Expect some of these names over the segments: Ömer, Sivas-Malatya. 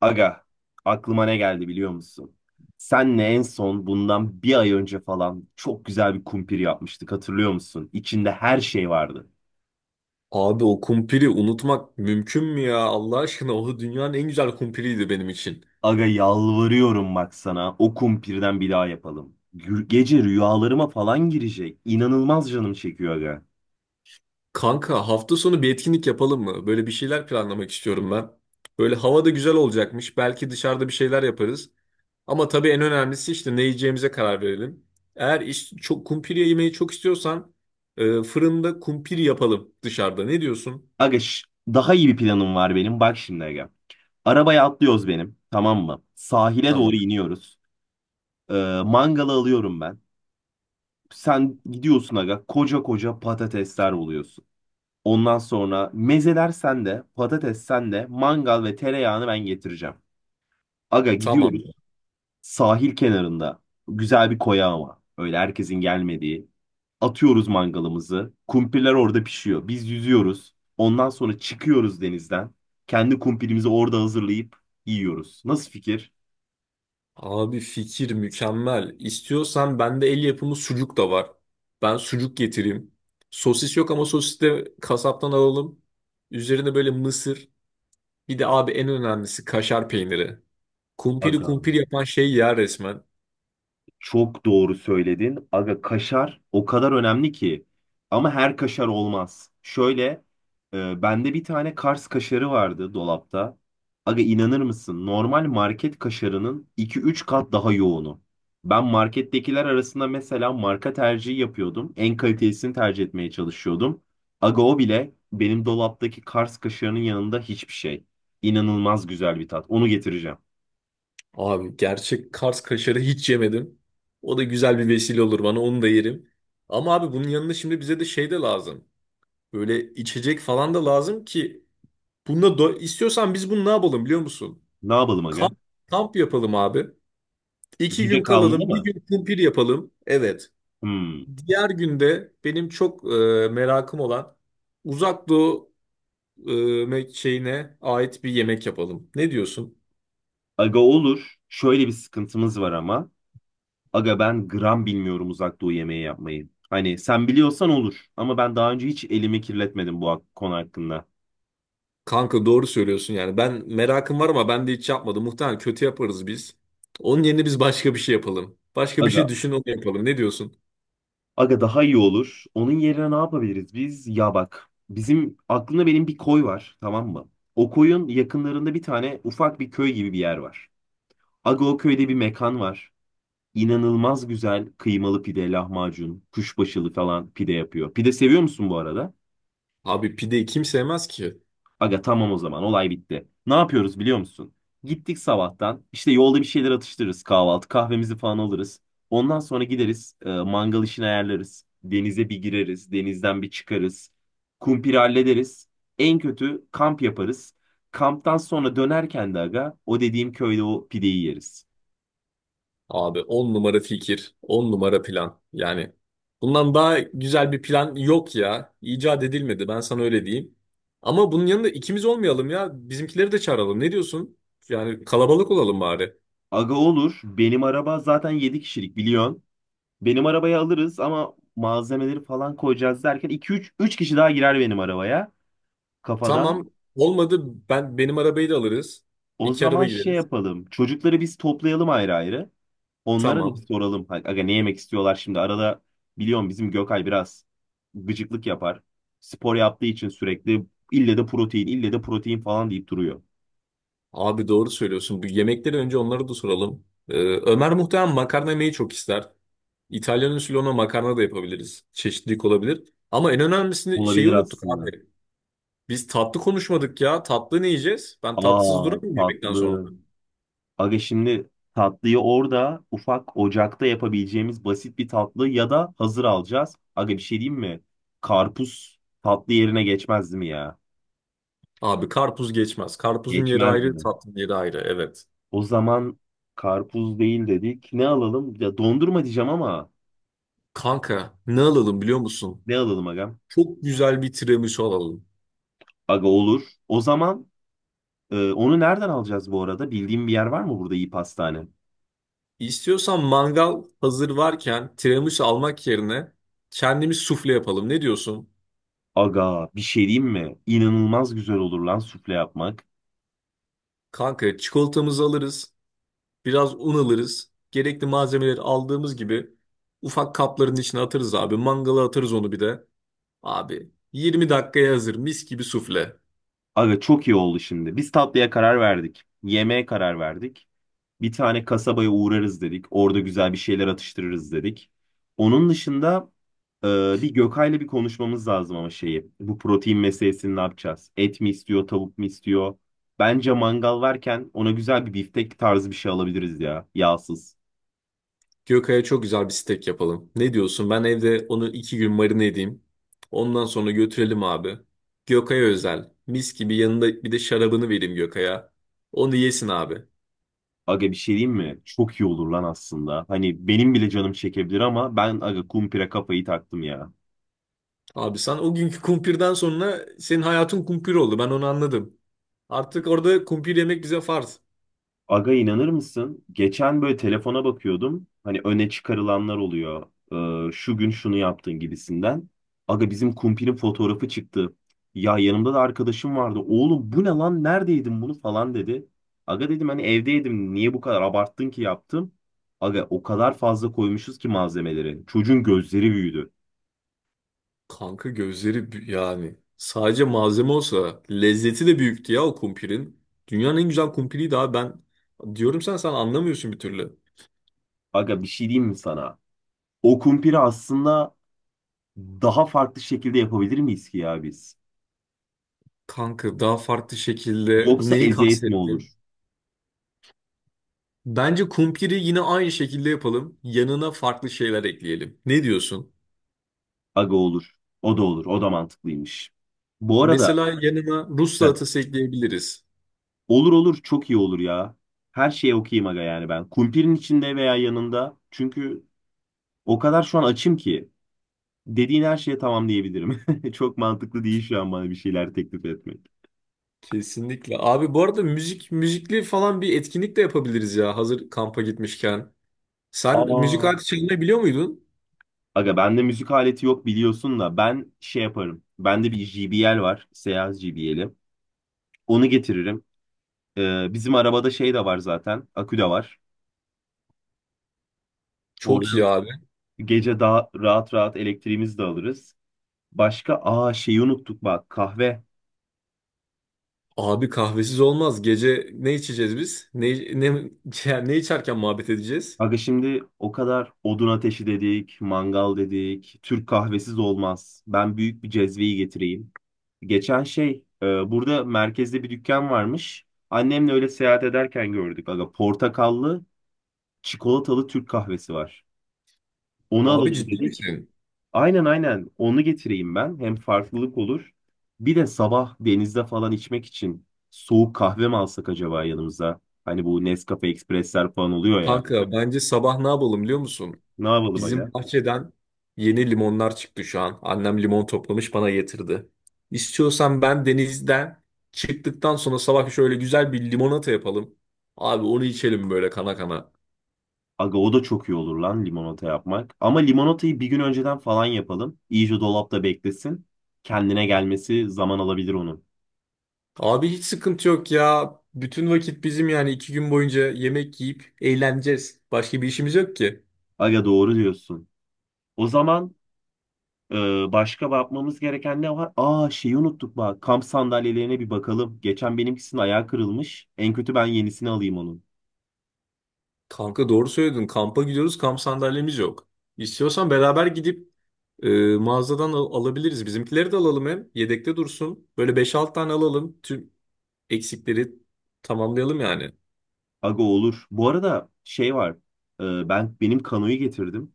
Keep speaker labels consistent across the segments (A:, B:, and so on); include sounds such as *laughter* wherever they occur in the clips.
A: Aga, aklıma ne geldi biliyor musun? Senle en son bundan bir ay önce falan çok güzel bir kumpir yapmıştık hatırlıyor musun? İçinde her şey vardı.
B: Abi o kumpiri unutmak mümkün mü ya? Allah aşkına o dünyanın en güzel kumpiriydi benim için.
A: Aga yalvarıyorum bak sana o kumpirden bir daha yapalım. Gece rüyalarıma falan girecek. İnanılmaz canım çekiyor aga.
B: Kanka hafta sonu bir etkinlik yapalım mı? Böyle bir şeyler planlamak istiyorum ben. Böyle hava da güzel olacakmış. Belki dışarıda bir şeyler yaparız. Ama tabii en önemlisi işte ne yiyeceğimize karar verelim. Eğer çok kumpiri yemeyi çok istiyorsan fırında kumpiri yapalım dışarıda. Ne diyorsun?
A: Aga şş, daha iyi bir planım var benim bak şimdi aga. Arabaya atlıyoruz benim, tamam mı? Sahile doğru
B: Tamam.
A: iniyoruz. Mangalı alıyorum ben. Sen gidiyorsun aga, koca koca patatesler oluyorsun. Ondan sonra mezeler sende, patates sende, mangal ve tereyağını ben getireceğim. Aga
B: Tamam.
A: gidiyoruz sahil kenarında. Güzel bir koya ama. Öyle herkesin gelmediği. Atıyoruz mangalımızı. Kumpirler orada pişiyor. Biz yüzüyoruz. Ondan sonra çıkıyoruz denizden. Kendi kumpirimizi orada hazırlayıp yiyoruz. Nasıl fikir?
B: Abi fikir mükemmel. İstiyorsan bende el yapımı sucuk da var. Ben sucuk getireyim. Sosis yok ama sosis de kasaptan alalım. Üzerine böyle mısır. Bir de abi en önemlisi kaşar peyniri. Kumpiri
A: Aga.
B: kumpir yapan şey ya resmen.
A: Çok doğru söyledin. Aga kaşar o kadar önemli ki. Ama her kaşar olmaz. Şöyle bende bir tane Kars kaşarı vardı dolapta. Aga inanır mısın? Normal market kaşarının iki üç kat daha yoğunu. Ben markettekiler arasında mesela marka tercihi yapıyordum. En kalitesini tercih etmeye çalışıyordum. Aga o bile benim dolaptaki Kars kaşarının yanında hiçbir şey. İnanılmaz güzel bir tat. Onu getireceğim.
B: Abi gerçek Kars kaşarı hiç yemedim. O da güzel bir vesile olur bana onu da yerim. Ama abi bunun yanında şimdi bize de şey de lazım. Böyle içecek falan da lazım ki. Bununla istiyorsan biz bunu ne yapalım biliyor musun?
A: Ne yapalım aga?
B: Kamp, kamp yapalım abi. İki
A: Gece
B: gün
A: kalmalı
B: kalalım, bir
A: mı?
B: gün kumpir yapalım. Evet.
A: Hmm.
B: Diğer günde benim çok merakım olan Uzak Doğu e, şeyine ait bir yemek yapalım. Ne diyorsun?
A: Aga olur. Şöyle bir sıkıntımız var ama. Aga ben gram bilmiyorum uzak doğu yemeği yapmayı. Hani sen biliyorsan olur. Ama ben daha önce hiç elimi kirletmedim bu konu hakkında.
B: Kanka doğru söylüyorsun yani. Ben merakım var ama ben de hiç yapmadım. Muhtemelen kötü yaparız biz. Onun yerine biz başka bir şey yapalım. Başka bir şey
A: Aga,
B: düşün onu yapalım. Ne diyorsun?
A: aga daha iyi olur. Onun yerine ne yapabiliriz biz? Ya bak, bizim aklımda benim bir koy var, tamam mı? O koyun yakınlarında bir tane ufak bir köy gibi bir yer var. Aga o köyde bir mekan var. İnanılmaz güzel kıymalı pide, lahmacun, kuşbaşılı falan pide yapıyor. Pide seviyor musun bu arada?
B: Abi pideyi kim sevmez ki?
A: Aga tamam, o zaman olay bitti. Ne yapıyoruz biliyor musun? Gittik sabahtan, işte yolda bir şeyler atıştırırız, kahvaltı kahvemizi falan alırız. Ondan sonra gideriz mangal işini ayarlarız. Denize bir gireriz, denizden bir çıkarız. Kumpiri hallederiz. En kötü kamp yaparız. Kamptan sonra dönerken de aga o dediğim köyde o pideyi yeriz.
B: Abi 10 numara fikir, 10 numara plan. Yani bundan daha güzel bir plan yok ya. İcat edilmedi ben sana öyle diyeyim. Ama bunun yanında ikimiz olmayalım ya. Bizimkileri de çağıralım. Ne diyorsun? Yani kalabalık olalım bari.
A: Aga olur, benim araba zaten 7 kişilik biliyorsun. Benim arabayı alırız ama malzemeleri falan koyacağız derken iki üç kişi daha girer benim arabaya kafadan.
B: Tamam. Olmadı ben benim arabayı da alırız.
A: O
B: İki araba
A: zaman şey
B: gideriz.
A: yapalım. Çocukları biz toplayalım ayrı ayrı. Onlara da bir
B: Tamam.
A: soralım. Hani, aga ne yemek istiyorlar şimdi? Arada biliyorum bizim Gökay biraz gıcıklık yapar. Spor yaptığı için sürekli ille de protein, ille de protein falan deyip duruyor.
B: Abi doğru söylüyorsun. Bu yemekleri önce onlara da soralım. Ömer muhtemelen makarna yemeyi çok ister. İtalyan usulü ona makarna da yapabiliriz. Çeşitlilik olabilir. Ama en önemlisi şeyi
A: Olabilir
B: unuttuk
A: aslında.
B: abi. Biz tatlı konuşmadık ya. Tatlı ne yiyeceğiz? Ben tatsız
A: Aa,
B: duramam yemekten sonra.
A: tatlı. Aga şimdi tatlıyı orada ufak ocakta yapabileceğimiz basit bir tatlı ya da hazır alacağız. Aga bir şey diyeyim mi? Karpuz tatlı yerine geçmez mi ya?
B: Abi karpuz geçmez. Karpuzun yeri
A: Geçmez
B: ayrı,
A: mi?
B: tatlının yeri ayrı. Evet.
A: O zaman karpuz değil dedik. Ne alalım? Ya dondurma diyeceğim ama
B: Kanka ne alalım biliyor musun?
A: ne alalım agam?
B: Çok güzel bir tiramisu alalım.
A: Aga olur. O zaman onu nereden alacağız bu arada? Bildiğim bir yer var mı burada iyi pastane?
B: İstiyorsan mangal hazır varken tiramisu almak yerine kendimiz sufle yapalım. Ne diyorsun?
A: Aga bir şey diyeyim mi? İnanılmaz güzel olur lan sufle yapmak.
B: Kanka çikolatamızı alırız. Biraz un alırız. Gerekli malzemeleri aldığımız gibi ufak kapların içine atarız abi. Mangala atarız onu bir de. Abi 20 dakikaya hazır mis gibi sufle.
A: Aga çok iyi oldu şimdi. Biz tatlıya karar verdik. Yemeğe karar verdik. Bir tane kasabaya uğrarız dedik. Orada güzel bir şeyler atıştırırız dedik. Onun dışında bir Gökay'la bir konuşmamız lazım ama şeyi. Bu protein meselesini ne yapacağız? Et mi istiyor, tavuk mu istiyor? Bence mangal varken ona güzel bir biftek tarzı bir şey alabiliriz ya. Yağsız.
B: Gökay'a çok güzel bir steak yapalım. Ne diyorsun? Ben evde onu iki gün marine edeyim. Ondan sonra götürelim abi. Gökay'a özel. Mis gibi yanında bir de şarabını vereyim Gökay'a. Onu yesin abi.
A: Aga bir şey diyeyim mi? Çok iyi olur lan aslında. Hani benim bile canım çekebilir ama ben aga kumpire kafayı taktım ya.
B: Abi sen o günkü kumpirden sonra senin hayatın kumpir oldu. Ben onu anladım. Artık orada kumpir yemek bize farz.
A: Aga inanır mısın? Geçen böyle telefona bakıyordum. Hani öne çıkarılanlar oluyor. Şu gün şunu yaptın gibisinden. Aga bizim kumpinin fotoğrafı çıktı. Ya yanımda da arkadaşım vardı. Oğlum bu ne lan? Neredeydin bunu falan dedi. Aga dedim hani evdeydim. Niye bu kadar abarttın ki yaptım? Aga o kadar fazla koymuşuz ki malzemeleri. Çocuğun gözleri büyüdü.
B: Kanka gözleri yani. Sadece malzeme olsa lezzeti de büyüktü ya o kumpirin. Dünyanın en güzel kumpiriydi abi ben. Diyorum sen anlamıyorsun bir türlü.
A: Aga bir şey diyeyim mi sana? O kumpiri aslında daha farklı şekilde yapabilir miyiz ki ya biz?
B: Kanka daha farklı şekilde
A: Yoksa
B: neyi
A: eziyet mi olur?
B: kastettin? Bence kumpiri yine aynı şekilde yapalım. Yanına farklı şeyler ekleyelim. Ne diyorsun?
A: Aga olur. O da olur. O da mantıklıymış. Bu arada
B: Mesela yanına Rus
A: heh,
B: salatası ekleyebiliriz.
A: olur olur, çok iyi olur ya. Her şeye okuyayım aga yani ben. Kumpirin içinde veya yanında. Çünkü o kadar şu an açım ki dediğin her şeye tamam diyebilirim. *laughs* Çok mantıklı değil şu an bana bir şeyler teklif etmek.
B: Kesinlikle. Abi bu arada müzikli falan bir etkinlik de yapabiliriz ya hazır kampa gitmişken. Sen müzik
A: Aa.
B: aleti çalmayı biliyor muydun?
A: Aga bende müzik aleti yok biliyorsun da ben şey yaparım. Bende bir JBL var. Seyaz JBL'i. Onu getiririm. Bizim arabada şey de var zaten. Akü de var.
B: Çok iyi
A: Oradan
B: abi.
A: gece daha rahat rahat elektriğimizi de alırız. Başka aa şeyi unuttuk bak, kahve.
B: Abi kahvesiz olmaz. Gece ne içeceğiz biz? Ne *laughs* yani ne içerken muhabbet edeceğiz?
A: Aga şimdi o kadar odun ateşi dedik, mangal dedik. Türk kahvesiz olmaz. Ben büyük bir cezveyi getireyim. Geçen şey burada merkezde bir dükkan varmış. Annemle öyle seyahat ederken gördük. Aga portakallı, çikolatalı Türk kahvesi var. Onu
B: Abi
A: alalım
B: ciddi
A: dedik.
B: misin?
A: Aynen aynen onu getireyim ben. Hem farklılık olur. Bir de sabah denizde falan içmek için soğuk kahve mi alsak acaba yanımıza? Hani bu Nescafe Express'ler falan oluyor ya.
B: Kanka bence sabah ne yapalım biliyor musun?
A: Ne yapalım aga?
B: Bizim bahçeden yeni limonlar çıktı şu an. Annem limon toplamış bana getirdi. İstiyorsan ben denizden çıktıktan sonra sabah şöyle güzel bir limonata yapalım. Abi onu içelim böyle kana kana.
A: Aga o da çok iyi olur lan limonata yapmak. Ama limonatayı bir gün önceden falan yapalım. İyice dolapta beklesin. Kendine gelmesi zaman alabilir onun.
B: Abi hiç sıkıntı yok ya. Bütün vakit bizim yani iki gün boyunca yemek yiyip eğleneceğiz. Başka bir işimiz yok ki.
A: Aga doğru diyorsun. O zaman başka bakmamız gereken ne var? Aa, şeyi unuttuk bak. Kamp sandalyelerine bir bakalım. Geçen benimkisinin ayağı kırılmış. En kötü ben yenisini alayım onun.
B: Kanka doğru söyledin. Kampa gidiyoruz. Kamp sandalyemiz yok. İstiyorsan beraber gidip e, mağazadan alabiliriz. Bizimkileri de alalım hem. Yedekte dursun. Böyle beş 6 tane alalım. Tüm eksikleri tamamlayalım yani.
A: Aga olur. Bu arada şey var. Benim kanoyu getirdim.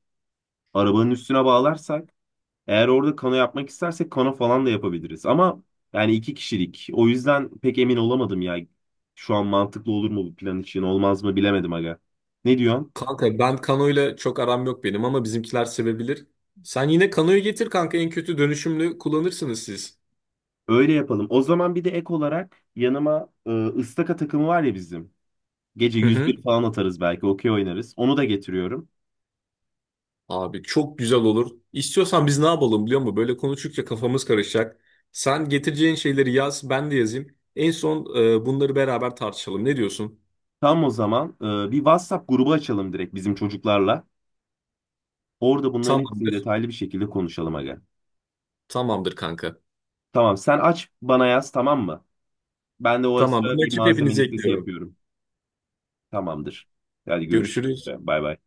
A: Arabanın üstüne bağlarsak eğer orada kano yapmak istersek kano falan da yapabiliriz. Ama yani iki kişilik. O yüzden pek emin olamadım ya. Şu an mantıklı olur mu bu plan için olmaz mı bilemedim aga. Ne diyorsun?
B: Kanka ben Kano'yla çok aram yok benim ama bizimkiler sevebilir. Sen yine Kano'yu getir kanka en kötü dönüşümlü kullanırsınız siz.
A: Öyle yapalım. O zaman bir de ek olarak yanıma ıstaka takımı var ya bizim. Gece
B: Hı hı.
A: 101 falan atarız belki. Okey oynarız. Onu da getiriyorum.
B: Abi çok güzel olur. İstiyorsan biz ne yapalım biliyor musun? Böyle konuştukça kafamız karışacak. Sen getireceğin şeyleri yaz, ben de yazayım. En son bunları beraber tartışalım. Ne diyorsun?
A: Tam o zaman bir WhatsApp grubu açalım direkt bizim çocuklarla. Orada bunların hepsini
B: Tamamdır.
A: detaylı bir şekilde konuşalım aga.
B: Tamamdır kanka.
A: Tamam sen aç bana yaz tamam mı? Ben de o ara
B: Tamam
A: sıra
B: ben
A: bir
B: açıp
A: malzeme
B: hepinizi
A: listesi
B: ekliyorum.
A: yapıyorum. Tamamdır. Hadi görüşürüz.
B: Görüşürüz.
A: Bay bay.